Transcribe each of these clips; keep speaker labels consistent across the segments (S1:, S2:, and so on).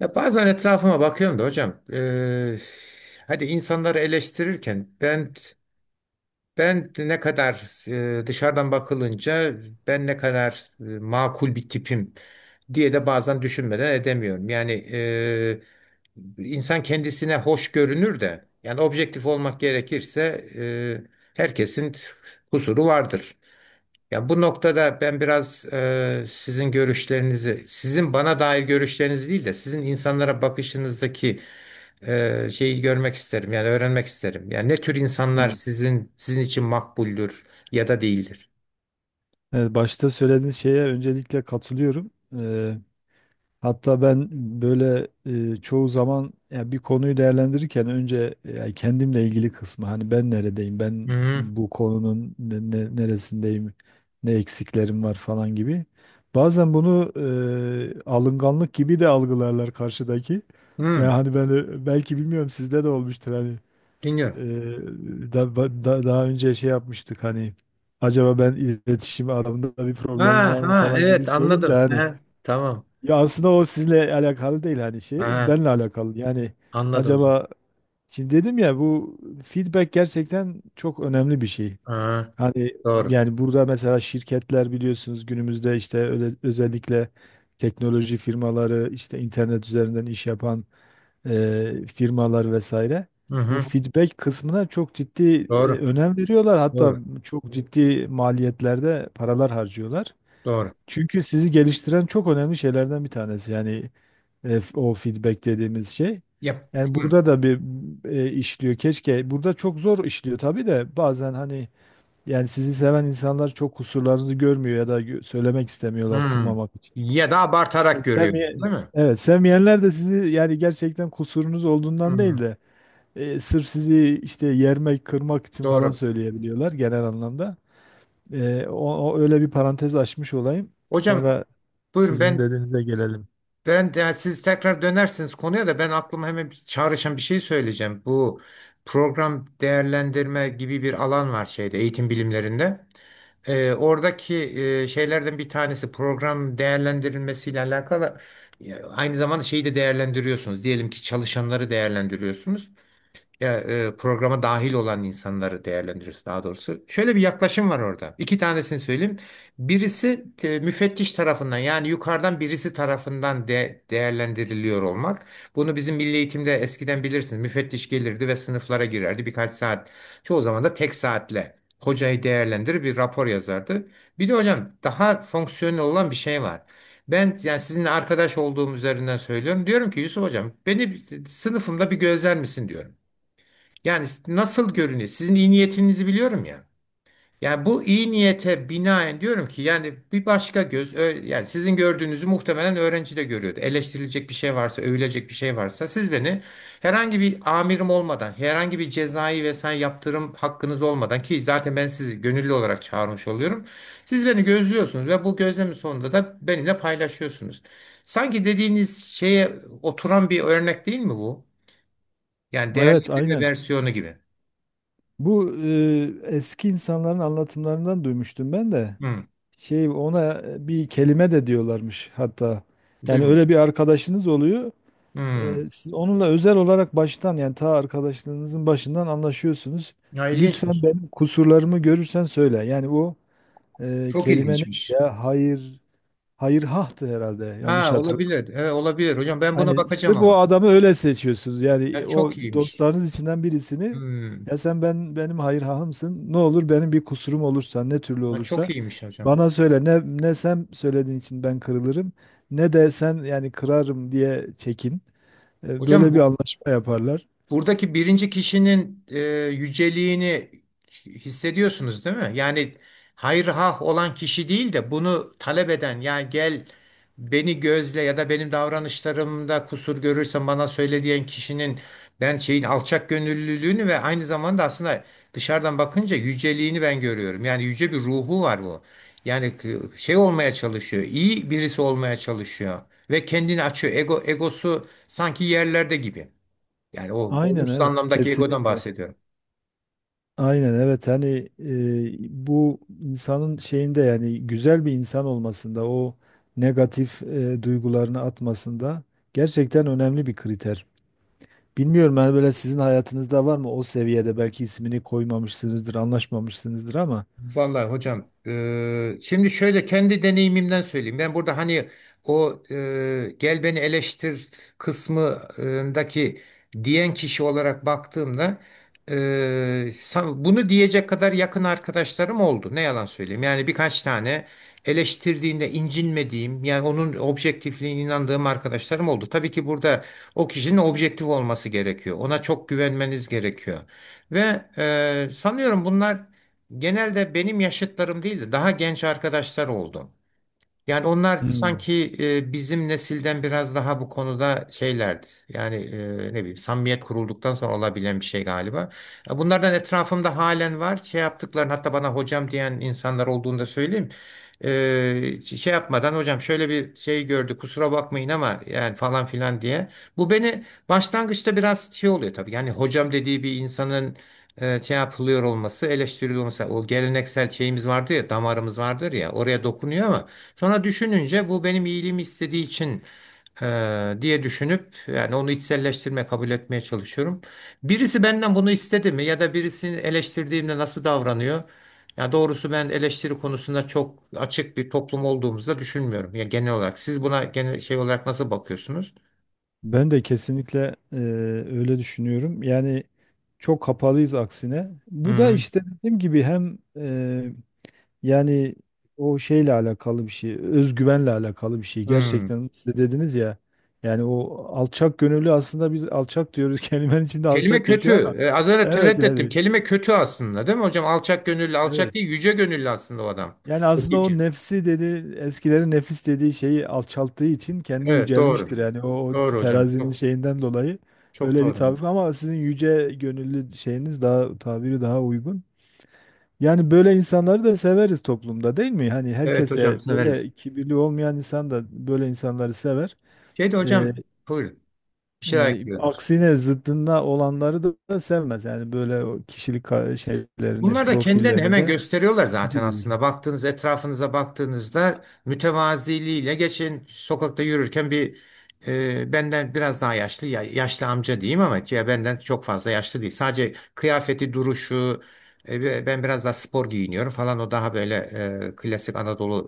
S1: Ya bazen etrafıma bakıyorum da hocam. Hadi insanları eleştirirken ben ne kadar, dışarıdan bakılınca ben ne kadar makul bir tipim diye de bazen düşünmeden edemiyorum. Yani insan kendisine hoş görünür de, yani objektif olmak gerekirse herkesin kusuru vardır. Ya bu noktada ben biraz sizin görüşlerinizi, sizin bana dair görüşleriniz değil de sizin insanlara bakışınızdaki şeyi görmek isterim. Yani öğrenmek isterim. Yani ne tür insanlar
S2: Evet.
S1: sizin için makbuldür ya da değildir.
S2: Evet, başta söylediğiniz şeye öncelikle katılıyorum. Hatta ben böyle çoğu zaman ya bir konuyu değerlendirirken önce ya kendimle ilgili kısmı hani ben neredeyim, ben
S1: Hı
S2: bu konunun neresindeyim, ne eksiklerim var falan gibi. Bazen bunu alınganlık gibi de algılarlar karşıdaki. Yani
S1: hı.
S2: hani belki bilmiyorum sizde de olmuştur hani.
S1: Dinliyorum.
S2: Ee, daha önce şey yapmıştık hani acaba ben iletişim alanında bir problemim
S1: Ha
S2: var mı
S1: ha,
S2: falan gibi
S1: evet,
S2: sorunca
S1: anladım.
S2: hani
S1: Hı, tamam.
S2: ya aslında o sizinle alakalı değil hani şey
S1: Ha,
S2: benimle alakalı yani.
S1: anladım hocam.
S2: Acaba şimdi dedim ya bu feedback gerçekten çok önemli bir şey.
S1: Ha,
S2: Hani
S1: doğru.
S2: yani burada mesela şirketler biliyorsunuz günümüzde işte öyle, özellikle teknoloji firmaları işte internet üzerinden iş yapan firmalar vesaire.
S1: Hı
S2: Bu
S1: hı.
S2: feedback kısmına çok ciddi
S1: Doğru.
S2: önem veriyorlar. Hatta
S1: Doğru.
S2: çok ciddi maliyetlerde paralar harcıyorlar.
S1: Doğru.
S2: Çünkü sizi geliştiren çok önemli şeylerden bir tanesi. Yani o feedback dediğimiz şey.
S1: Yap.
S2: Yani
S1: Hı.
S2: burada da bir işliyor. Keşke. Burada çok zor işliyor tabii de bazen hani yani sizi seven insanlar çok kusurlarınızı görmüyor ya da söylemek istemiyorlar
S1: Hı.
S2: kırmamak için.
S1: Ya da abartarak görüyorum,
S2: Sevmeyen,
S1: değil mi?
S2: evet sevmeyenler de sizi yani gerçekten kusurunuz olduğundan değil
S1: Hı.
S2: de sırf sizi işte yermek, kırmak için falan
S1: Doğru.
S2: söyleyebiliyorlar genel anlamda. O öyle bir parantez açmış olayım.
S1: Hocam
S2: Sonra
S1: buyurun,
S2: sizin dediğinize gelelim.
S1: siz tekrar dönersiniz konuya da, ben aklıma hemen bir çağrışan bir şey söyleyeceğim. Bu program değerlendirme gibi bir alan var şeyde, eğitim bilimlerinde. Oradaki şeylerden bir tanesi, program değerlendirilmesiyle alakalı, aynı zamanda şeyi de değerlendiriyorsunuz. Diyelim ki çalışanları değerlendiriyorsunuz ya, programa dahil olan insanları değerlendiriyoruz daha doğrusu. Şöyle bir yaklaşım var orada. İki tanesini söyleyeyim. Birisi müfettiş tarafından, yani yukarıdan birisi tarafından değerlendiriliyor olmak. Bunu bizim milli eğitimde eskiden bilirsiniz. Müfettiş gelirdi ve sınıflara girerdi birkaç saat. Çoğu zaman da tek saatle. Hocayı değerlendirir, bir rapor yazardı. Bir de hocam, daha fonksiyonel olan bir şey var. Ben yani sizinle arkadaş olduğum üzerinden söylüyorum. Diyorum ki, Yusuf hocam beni sınıfımda bir gözler misin diyorum. Yani nasıl görünüyor? Sizin iyi niyetinizi biliyorum ya. Yani bu iyi niyete binaen diyorum ki, yani bir başka göz, yani sizin gördüğünüzü muhtemelen öğrenci de görüyordu. Eleştirilecek bir şey varsa, övülecek bir şey varsa, siz beni herhangi bir amirim olmadan, herhangi bir cezai vesaire yaptırım hakkınız olmadan, ki zaten ben sizi gönüllü olarak çağırmış oluyorum. Siz beni gözlüyorsunuz ve bu gözlemin sonunda da benimle paylaşıyorsunuz. Sanki dediğiniz şeye oturan bir örnek değil mi bu? Yani değerli
S2: Evet,
S1: bir
S2: aynen.
S1: versiyonu gibi.
S2: Bu eski insanların anlatımlarından duymuştum ben de.
S1: Hı.
S2: Şey, ona bir kelime de diyorlarmış hatta. Yani
S1: Duymadım.
S2: öyle bir arkadaşınız oluyor.
S1: Hmm.
S2: Siz onunla özel olarak baştan yani ta arkadaşlığınızın başından anlaşıyorsunuz.
S1: Ya,
S2: Lütfen
S1: ilginçmiş.
S2: benim kusurlarımı görürsen söyle. Yani o
S1: Çok
S2: kelime ne
S1: ilginçmiş.
S2: ya? Hayır, hayır hahtı herhalde. Yanlış
S1: Ha,
S2: hatırladım.
S1: olabilir. Evet, olabilir. Hocam ben buna
S2: Hani
S1: bakacağım
S2: sırf o
S1: ama.
S2: adamı öyle seçiyorsunuz. Yani
S1: Ya
S2: o
S1: çok iyiymiş.
S2: dostlarınız içinden birisini.
S1: Hmm.
S2: Ya sen, ben benim hayır hahımsın. Ne olur benim bir kusurum olursa ne türlü
S1: Ya çok
S2: olursa
S1: iyiymiş hocam.
S2: bana söyle. Ne ne sen söylediğin için ben kırılırım ne de sen yani kırarım diye çekin.
S1: Hocam
S2: Böyle bir
S1: bu
S2: anlaşma yaparlar.
S1: Buradaki birinci kişinin yüceliğini hissediyorsunuz değil mi? Yani hayır hah olan kişi değil de, bunu talep eden, yani gel beni gözle ya da benim davranışlarımda kusur görürsen bana söyle diyen kişinin, ben şeyin alçak gönüllülüğünü ve aynı zamanda aslında dışarıdan bakınca yüceliğini ben görüyorum. Yani yüce bir ruhu var bu. Yani şey olmaya çalışıyor, iyi birisi olmaya çalışıyor ve kendini açıyor. Egosu sanki yerlerde gibi. Yani o
S2: Aynen
S1: olumsuz
S2: evet,
S1: anlamdaki egodan
S2: kesinlikle.
S1: bahsediyorum.
S2: Aynen evet hani bu insanın şeyinde yani güzel bir insan olmasında o negatif duygularını atmasında gerçekten önemli bir kriter. Bilmiyorum hani böyle sizin hayatınızda var mı o seviyede, belki ismini koymamışsınızdır, anlaşmamışsınızdır ama.
S1: Vallahi hocam, şimdi şöyle kendi deneyimimden söyleyeyim. Ben burada hani o, gel beni eleştir kısmındaki diyen kişi olarak baktığımda, bunu diyecek kadar yakın arkadaşlarım oldu. Ne yalan söyleyeyim. Yani birkaç tane eleştirdiğinde incinmediğim, yani onun objektifliğine inandığım arkadaşlarım oldu. Tabii ki burada o kişinin objektif olması gerekiyor. Ona çok güvenmeniz gerekiyor. Ve sanıyorum bunlar genelde benim yaşıtlarım değil de daha genç arkadaşlar oldu. Yani onlar
S2: Hmm,
S1: sanki bizim nesilden biraz daha bu konuda şeylerdi. Yani ne bileyim, samimiyet kurulduktan sonra olabilen bir şey galiba. Bunlardan etrafımda halen var. Şey yaptıklarını, hatta bana hocam diyen insanlar olduğunu da söyleyeyim. Şey yapmadan, hocam şöyle bir şey gördü, kusura bakmayın ama, yani falan filan diye. Bu beni başlangıçta biraz şey oluyor tabii. Yani hocam dediği bir insanın şey yapılıyor olması, eleştiriliyor olması. O geleneksel şeyimiz vardır ya, damarımız vardır ya, oraya dokunuyor. Ama sonra düşününce, bu benim iyiliğimi istediği için diye düşünüp, yani onu içselleştirme, kabul etmeye çalışıyorum. Birisi benden bunu istedi mi ya da birisini eleştirdiğimde nasıl davranıyor? Ya doğrusu ben eleştiri konusunda çok açık bir toplum olduğumuzu da düşünmüyorum. Ya genel olarak siz buna genel şey olarak nasıl bakıyorsunuz?
S2: ben de kesinlikle öyle düşünüyorum. Yani çok kapalıyız aksine. Bu da
S1: Hmm,
S2: işte dediğim gibi hem yani o şeyle alakalı bir şey, özgüvenle alakalı bir şey.
S1: hmm.
S2: Gerçekten siz de dediniz ya. Yani o alçak gönüllü, aslında biz alçak diyoruz kelimenin içinde
S1: Kelime
S2: alçak geçiyor ama
S1: kötü. Az önce
S2: evet
S1: tereddüt ettim.
S2: yani
S1: Kelime kötü aslında, değil mi hocam? Alçak gönüllü, alçak
S2: evet.
S1: değil, yüce gönüllü aslında o adam.
S2: Yani aslında
S1: Okuyucu.
S2: o nefsi, dedi eskilerin, nefis dediği şeyi alçalttığı için kendi
S1: Evet, doğru.
S2: yücelmiştir. Yani o, o
S1: Doğru hocam.
S2: terazinin
S1: Çok,
S2: şeyinden dolayı
S1: çok
S2: öyle bir
S1: doğru.
S2: tabir ama sizin yüce gönüllü şeyiniz daha, tabiri daha uygun. Yani böyle insanları da severiz toplumda değil mi? Hani
S1: Evet
S2: herkes de,
S1: hocam, size veririz.
S2: böyle kibirli olmayan insan da böyle insanları sever.
S1: Şey de
S2: Ee,
S1: hocam, buyurun. Bir şeyler ekliyordunuz.
S2: aksine zıddında olanları da sevmez. Yani böyle o kişilik şeylerini,
S1: Bunlar da kendilerini
S2: profillerini
S1: hemen
S2: de
S1: gösteriyorlar zaten
S2: İtici bulur.
S1: aslında. Etrafınıza baktığınızda, mütevaziliğiyle, geçen sokakta yürürken bir, benden biraz daha yaşlı, yaşlı amca diyeyim, ama ya benden çok fazla yaşlı değil. Sadece kıyafeti, duruşu, ve ben biraz daha spor giyiniyorum falan, o daha böyle klasik Anadolu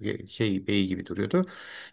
S1: şey beyi gibi duruyordu.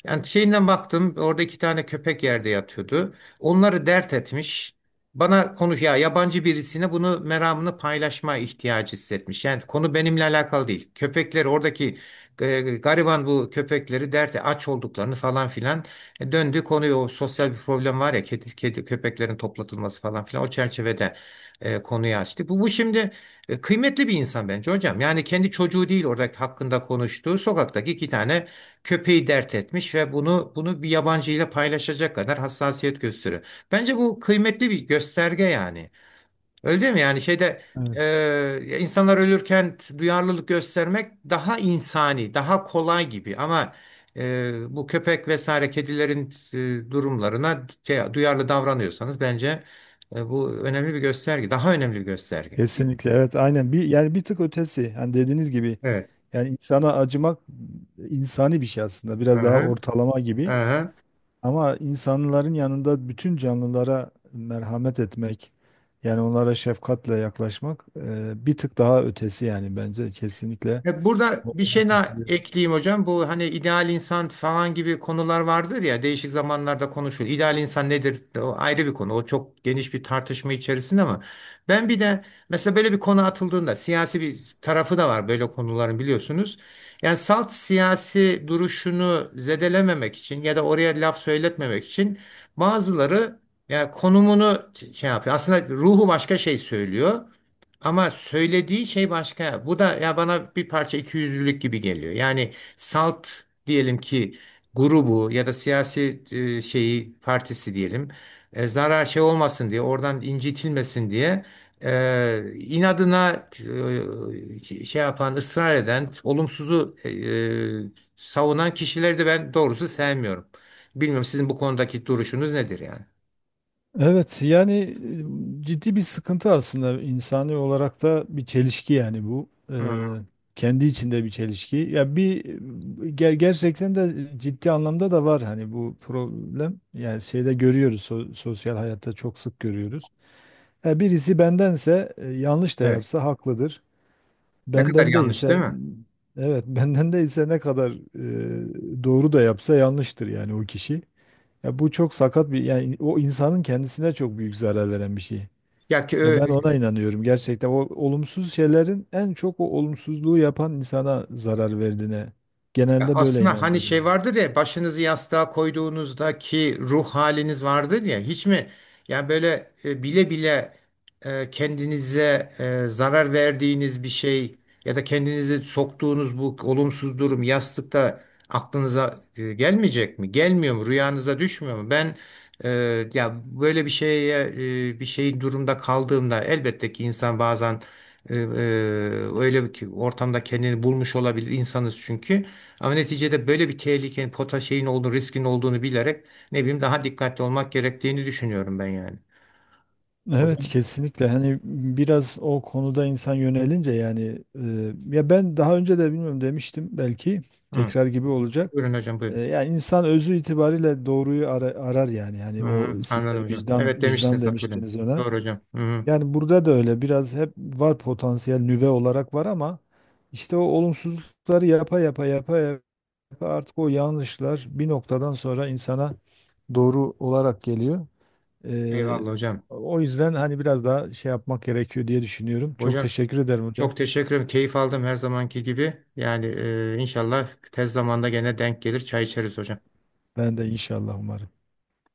S1: Yani şeyinden baktım, orada iki tane köpek yerde yatıyordu. Onları dert etmiş. Bana konuş ya, yabancı birisine bunu, meramını paylaşma ihtiyacı hissetmiş. Yani konu benimle alakalı değil. Köpekleri oradaki, gariban bu köpekleri, derdi aç olduklarını falan filan. Döndü konuyu, o sosyal bir problem var ya, kedi köpeklerin toplatılması, falan filan o çerçevede konuyu açtı. Bu şimdi kıymetli bir insan bence hocam. Yani kendi çocuğu değil oradaki hakkında konuştuğu, sokaktaki iki tane köpeği dert etmiş ve bunu bir yabancıyla paylaşacak kadar hassasiyet gösteriyor. Bence bu kıymetli bir gösterge yani. Öyle değil mi? Yani şeyde,
S2: Evet,
S1: insanlar ölürken duyarlılık göstermek daha insani, daha kolay gibi. Ama bu köpek vesaire kedilerin durumlarına, şey, duyarlı davranıyorsanız, bence bu önemli bir gösterge. Daha önemli bir gösterge.
S2: kesinlikle evet aynen, bir yani bir tık ötesi. Hani dediğiniz gibi
S1: Evet.
S2: yani insana acımak insani bir şey aslında. Biraz daha
S1: Aha,
S2: ortalama gibi.
S1: aha.
S2: Ama insanların yanında bütün canlılara merhamet etmek, yani onlara şefkatle yaklaşmak bir tık daha ötesi yani, bence kesinlikle.
S1: Burada bir
S2: Ona
S1: şey daha
S2: katılıyorum.
S1: ekleyeyim hocam. Bu hani ideal insan falan gibi konular vardır ya, değişik zamanlarda konuşulur. İdeal insan nedir? O ayrı bir konu. O çok geniş bir tartışma içerisinde, ama ben bir de mesela böyle bir konu atıldığında, siyasi bir tarafı da var böyle konuların, biliyorsunuz. Yani salt siyasi duruşunu zedelememek için, ya da oraya laf söyletmemek için, bazıları yani konumunu şey yapıyor. Aslında ruhu başka şey söylüyor. Ama söylediği şey başka. Bu da ya bana bir parça ikiyüzlülük gibi geliyor. Yani salt, diyelim ki grubu ya da siyasi şeyi, partisi diyelim, zarar şey olmasın diye, oradan incitilmesin diye, inadına şey yapan, ısrar eden, olumsuzu savunan kişileri de ben doğrusu sevmiyorum. Bilmiyorum, sizin bu konudaki duruşunuz nedir yani?
S2: Evet yani ciddi bir sıkıntı, aslında insani olarak da bir çelişki yani bu.
S1: Hmm.
S2: Kendi içinde bir çelişki. Ya bir gerçekten de ciddi anlamda da var hani bu problem. Yani şeyde görüyoruz, sosyal hayatta çok sık görüyoruz. Birisi bendense yanlış da
S1: Evet.
S2: yapsa haklıdır.
S1: Ne kadar
S2: Benden
S1: yanlış, değil
S2: değilse
S1: mi?
S2: evet benden değilse ne kadar doğru da yapsa yanlıştır yani o kişi. Ya bu çok sakat bir, yani o insanın kendisine çok büyük zarar veren bir şey.
S1: Ya ki,
S2: Ya ben ona inanıyorum, gerçekten o olumsuz şeylerin en çok o olumsuzluğu yapan insana zarar verdiğine
S1: Ya
S2: genelde böyle
S1: aslında hani
S2: inanıyorum
S1: şey
S2: ben.
S1: vardır ya, başınızı yastığa koyduğunuzdaki ruh haliniz vardır ya, hiç mi yani böyle, bile bile, kendinize zarar verdiğiniz bir şey ya da kendinizi soktuğunuz bu olumsuz durum, yastıkta aklınıza gelmeyecek mi? Gelmiyor mu? Rüyanıza düşmüyor mu? Ben, e, ya böyle bir şeye, bir şeyin durumda kaldığımda, elbette ki insan bazen e, e, öyle bir ortamda kendini bulmuş olabilir, insanız çünkü. Ama neticede böyle bir tehlikenin, pota şeyin olduğunu, riskin olduğunu bilerek, ne bileyim daha dikkatli olmak gerektiğini düşünüyorum ben yani.
S2: Evet
S1: Hocam.
S2: kesinlikle. Hani biraz o konuda insan yönelince yani ya ben daha önce de, bilmiyorum, demiştim belki,
S1: Hı.
S2: tekrar gibi olacak.
S1: Buyurun hocam, buyurun.
S2: Yani insan özü itibariyle doğruyu arar yani. Yani
S1: Hı,
S2: o siz de
S1: anladım hocam. Evet,
S2: vicdan vicdan
S1: demiştiniz, hatırlıyorum.
S2: demiştiniz ona.
S1: Doğru hocam. Hı.
S2: Yani burada da öyle, biraz hep var, potansiyel nüve olarak var ama işte o olumsuzlukları yapa yapa yapa yapa artık o yanlışlar bir noktadan sonra insana doğru olarak geliyor. Ee,
S1: Eyvallah hocam.
S2: o yüzden hani biraz daha şey yapmak gerekiyor diye düşünüyorum. Çok
S1: Hocam
S2: teşekkür ederim hocam.
S1: çok teşekkür ederim. Keyif aldım, her zamanki gibi. Yani inşallah tez zamanda gene denk gelir, çay içeriz hocam.
S2: Ben de inşallah, umarım.